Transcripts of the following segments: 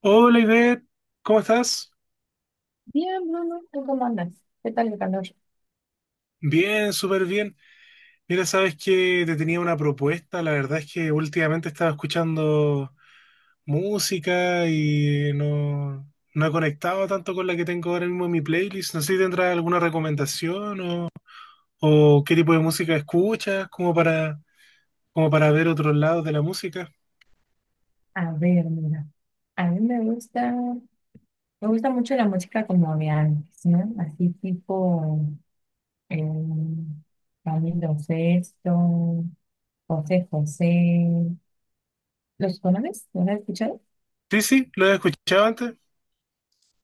Hola Ivette, ¿cómo estás? Bien, Bruno, ¿tú cómo andas? ¿Qué tal el calor? Bien, súper bien. Mira, sabes que te tenía una propuesta. La verdad es que últimamente estaba escuchando música y no he conectado tanto con la que tengo ahora mismo en mi playlist. No sé si tendrás alguna recomendación o qué tipo de música escuchas, como para, como para ver otros lados de la música. A ver, mira, a mí me gusta mucho la música como de antes, ¿no? Así tipo eh, Camilo Sesto, José José. ¿Los conoces? ¿Los has escuchado? Sí, sí, lo he escuchado antes.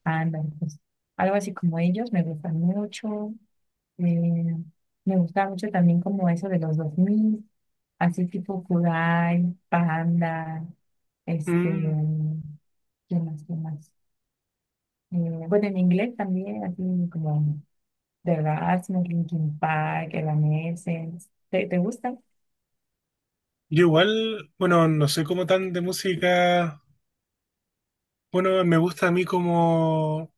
Ándale, pues algo así como ellos me gustan mucho. Eh, Me gusta mucho también como eso de los 2000, así tipo Kudai, Panda, este, Mm, ¿qué más, qué más? Eh, bueno, en inglés también, así como The Rasmus, Linkin Park, Evanescence. ¿Te gustan? yo igual, bueno, no soy como tan de música. Bueno, me gusta a mí como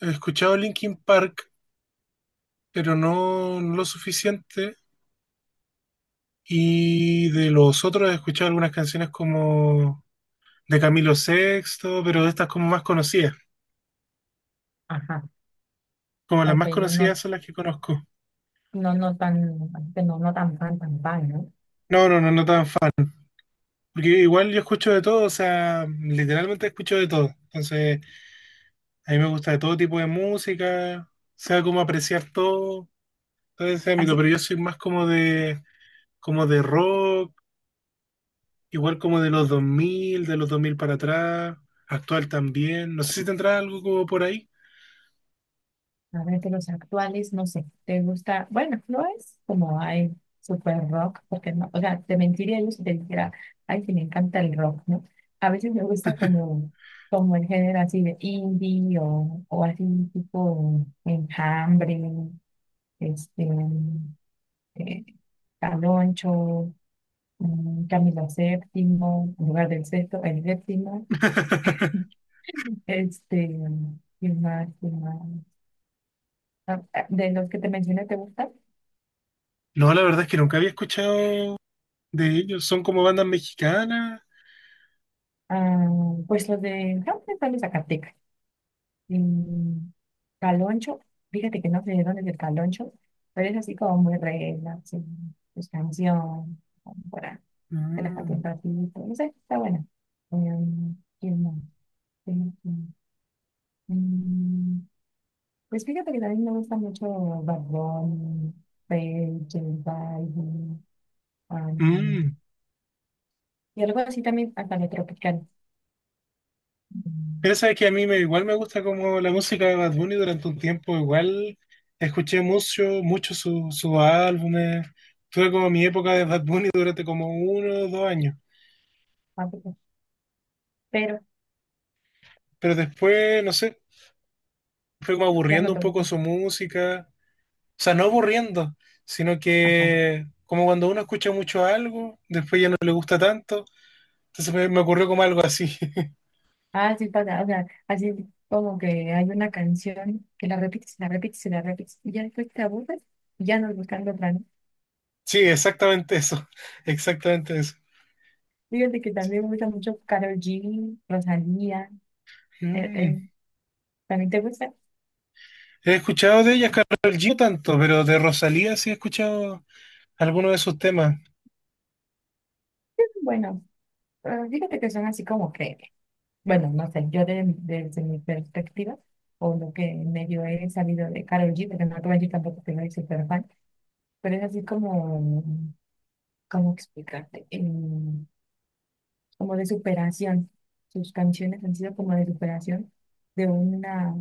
he escuchado Linkin Park, pero no lo suficiente. Y de los otros he escuchado algunas canciones como de Camilo Sexto, pero estas como más conocidas. Ajá, Como las ok, más conocidas son las que conozco. no, no tan, no, tan fan, tan fan, ¿no? No, no, no, no tan fan. Porque igual yo escucho de todo, o sea, literalmente escucho de todo. Entonces, a mí me gusta de todo tipo de música, sea como apreciar todo, todo ese ámbito, Así, pero yo soy más como de rock. Igual como de los 2000 para atrás, actual también. No sé si tendrá algo como por ahí. a ver, de los actuales, no sé, ¿te gusta? Bueno, no es como hay super rock, porque no, o sea, te mentiría yo si te dijera, ay, que me encanta el rock, ¿no? A veces como el género así de indie o así tipo Enjambre, este... eh, Caloncho, Camilo VII, en lugar del sexto, el séptimo, este, ¿quién más? ¿Quién más? De los que te mencioné, ¿te gusta? No, la verdad es que nunca había escuchado de ellos. Son como bandas mexicanas. Ah, pues los de Hambre están de Zacatecas. Mm, Caloncho, fíjate que no sé de dónde es el Caloncho, pero es así como muy regla, sí, pues canción, como para relajarte Mm, un ratito, no sé, está bueno. ¿Quién más? ¿Quién más? Mm, Pues fíjate que también me gusta mucho Bad Bunny, Feid, J Balvin, um, mm. y algo así también, hasta lo tropical, mm, Pero sabes que a mí me, igual me gusta como la música de Bad Bunny durante un tiempo, igual escuché mucho sus álbumes, tuve como mi época de Bad Bunny durante como uno o dos años, África, pero pero después, no sé, fue como ya aburriendo no un poco tanto. su música, o sea, no aburriendo, sino Ajá. que como cuando uno escucha mucho algo, después ya no le gusta tanto, entonces me ocurrió como algo así. Ah, sí pasa, o sea, así como que hay una canción que la repites, y ya después te aburres y ya no buscando otra, ¿no? Sí, exactamente eso, exactamente eso. Fíjate que también me gusta mucho Karol G, Rosalía, eh, Mm. eh, ¿también te gusta? He escuchado de ella, Karol G, no tanto, pero de Rosalía sí he escuchado algunos de sus temas. Bueno, fíjate que son así como que bueno, no sé, yo desde mi perspectiva, o lo que medio he sabido de Karol G, porque no te voy a decir tampoco que soy súper fan, pero es así como, ¿cómo explicarte? Como de superación. Sus canciones han sido como de superación de una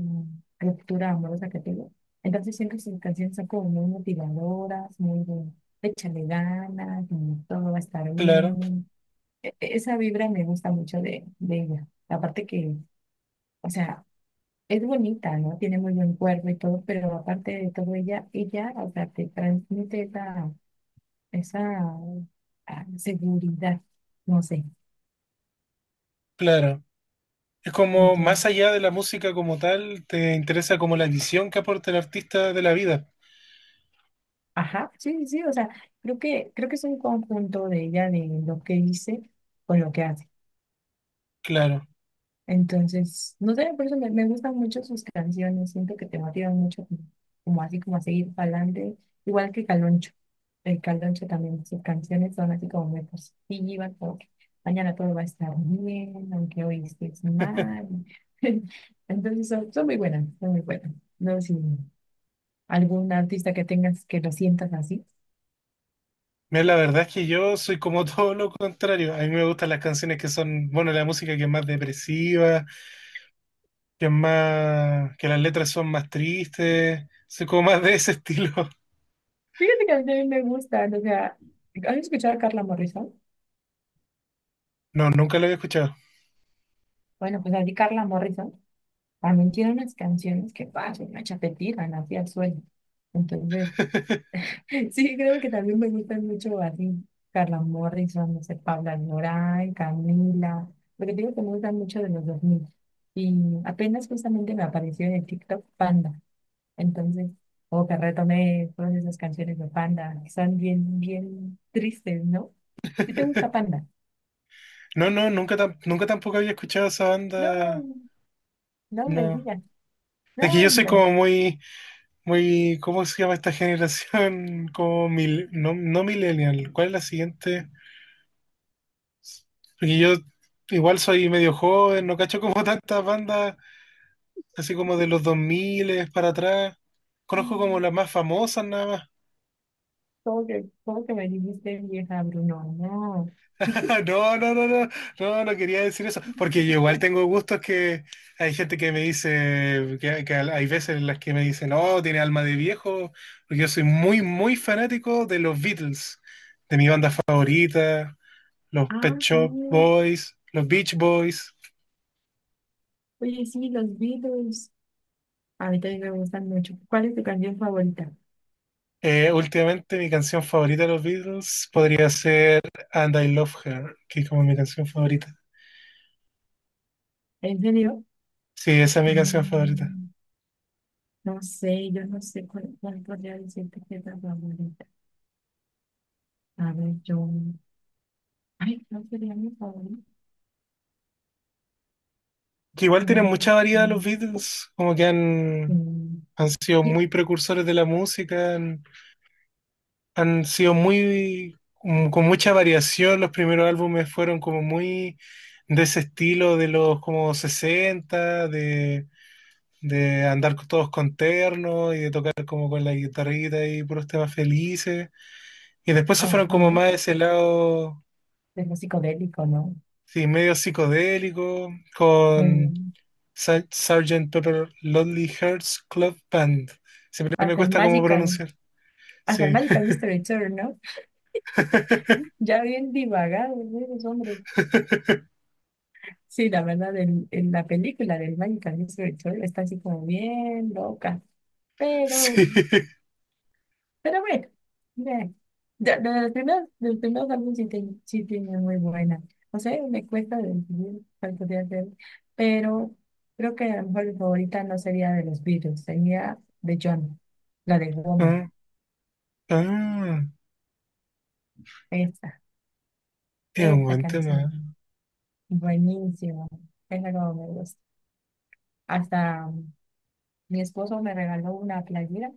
ruptura amorosa que tuvo. Entonces siempre sus canciones son como muy motivadoras, muy de échale ganas, como todo va a estar Claro, bien. Esa vibra me gusta mucho de ella. Aparte que... O sea, es bonita, ¿no? Tiene muy buen cuerpo y todo, pero aparte de todo, ella, o sea, te transmite esa, esa seguridad, no sé. claro. Es como Entonces, más allá de la música como tal, te interesa como la visión que aporta el artista de la vida. ajá, sí, o sea, creo que es un conjunto de ella, de lo que dice con lo que hace. Claro. Entonces, no sé, por eso me gustan mucho sus canciones, siento que te motivan mucho como, como así, como a seguir adelante, igual que Caloncho. El Caloncho también, sus canciones son así como muy positivas, como que mañana todo va a estar bien, aunque hoy estés mal. Entonces, son muy buenas, son muy buenas. No sé si algún artista que tengas que lo sientas así. Mira, la verdad es que yo soy como todo lo contrario. A mí me gustan las canciones que son, bueno, la música que es más depresiva, que es más, que las letras son más tristes. Soy como más de ese estilo. Fíjate que a mí también me gustan, o sea, ¿has escuchado a Carla Morrison? No, nunca lo había escuchado. Bueno, pues así Carla Morrison. También tiene unas canciones que pasan, una chapetita, así al suelo. Entonces, sí, creo que también me gustan mucho así. Carla Morrison, no sé, Paula Alborán, Camila. Lo que digo que me gustan mucho de los 2000 y apenas justamente me apareció en el TikTok Panda. Entonces, como que retomé todas esas canciones de Panda, que son bien, bien tristes, ¿no? ¿Sí te gusta Panda? No, no, nunca, nunca tampoco había escuchado esa banda. No, no me No. digas. Es que No, yo soy hombre. como muy, muy, ¿cómo se llama esta generación? Como mil, no, no millennial. ¿Cuál es la siguiente? Porque yo igual soy medio joven, no cacho como tantas bandas, así como de los 2000 para atrás. Conozco como las más famosas nada más. Cómo que me dijiste vieja, Bruno? No. No, no, no, no, no, no quería decir eso, porque yo igual tengo gustos que hay gente que me dice, que hay veces en las que me dicen, no, tiene alma de viejo, porque yo soy muy, muy fanático de los Beatles, de mi banda favorita, los Ah, Pet sí. Shop Boys, los Beach Boys. Oye, sí, los Beatles. A mí también me gustan mucho. ¿Cuál es tu canción favorita? Últimamente mi canción favorita de los Beatles podría ser And I Love Her, que es como mi canción favorita. ¿En serio? Sí, esa es mi canción favorita. Mm, no sé, yo no sé cuál podría decirte que es la favorita. A ver, yo. Ay, ¿cuál sería mi favorita? Que igual No tienen lo mucha sé. variedad los Beatles, como que han, Mm, han sido ye- muy precursores de la música, han, han sido muy, con mucha variación, los primeros álbumes fueron como muy de ese estilo de los como 60 de andar todos con terno y de tocar como con la guitarrita y puros temas felices, y después se fueron como Ajá. más de ese lado, De lo psicodélico, ¿no? sí, medio psicodélico, con... Mm, Sgt. Pepper Lonely Hearts Club Band. Siempre me hasta el cuesta cómo Magical, pronunciar. hasta el Sí. Magical Mister Tour, ¿no? Ya bien divagado, ¿no? Eres hombre. Sí, la verdad, en la película del Mágica Disco de Chole está así como bien loca. Sí. Pero, pero bueno, ve. De los primeros álbumes sí, sí tiene muy buena. No sé, me cuesta decidir cuál podría ser. Pero creo que a lo mejor mi favorita no sería de los Beatles, sería de John, la de Woman. Ah, ah, Esta, es un esta buen tema. canción. Buenísima. Esa como me gusta. Hasta mi esposo me regaló una playera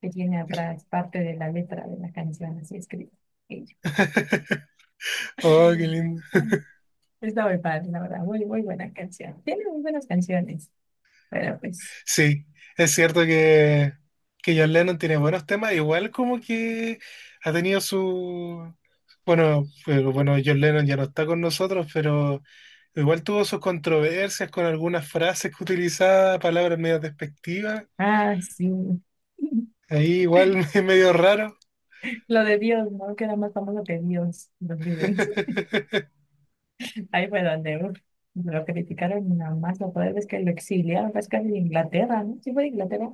que tiene atrás parte de la letra de la canción así escrita. Ella. Oh, qué lindo. Bueno, está muy padre, la verdad, muy, muy buena canción. Tiene muy buenas canciones, pero pues, Sí, es cierto que John Lennon tiene buenos temas, igual como que ha tenido su... Bueno, bueno, John Lennon ya no está con nosotros, pero igual tuvo sus controversias con algunas frases que utilizaba, palabras medio despectivas. ah, sí. Ahí igual es medio raro. Lo de Dios, ¿no? Que era más famoso que Dios, los Beatles. Ahí fue donde uf, lo criticaron nada más, lo peor es que lo exiliaron, es casi de Inglaterra, ¿no? Sí fue de Inglaterra,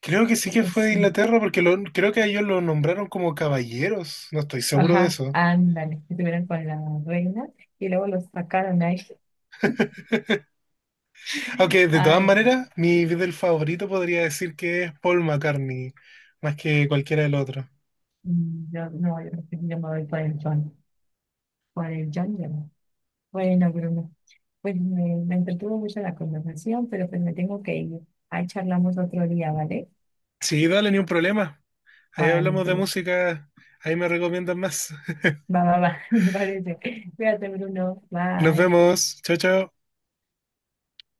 Creo que sí creo que que fue de sí. Inglaterra porque creo que a ellos lo nombraron como caballeros. No estoy seguro de Ajá, eso. ándale, estuvieron con la reina y luego los sacaron ahí. Aunque de todas Ay, maneras, mi Beatle favorito podría decir que es Paul McCartney, más que cualquiera del otro. No, no, yo no tenía más plan, para el John. Bueno, Bruno, pues me entretuvo mucho la conversación, pero pues me tengo que ir. Ahí charlamos otro día, ¿vale? Sí, dale, ni un problema. Ahí Ahora hablamos de pues, música. Ahí me recomiendan más. Va, me parece. Cuídate, Bruno. Nos Bye. vemos. Chao, chao.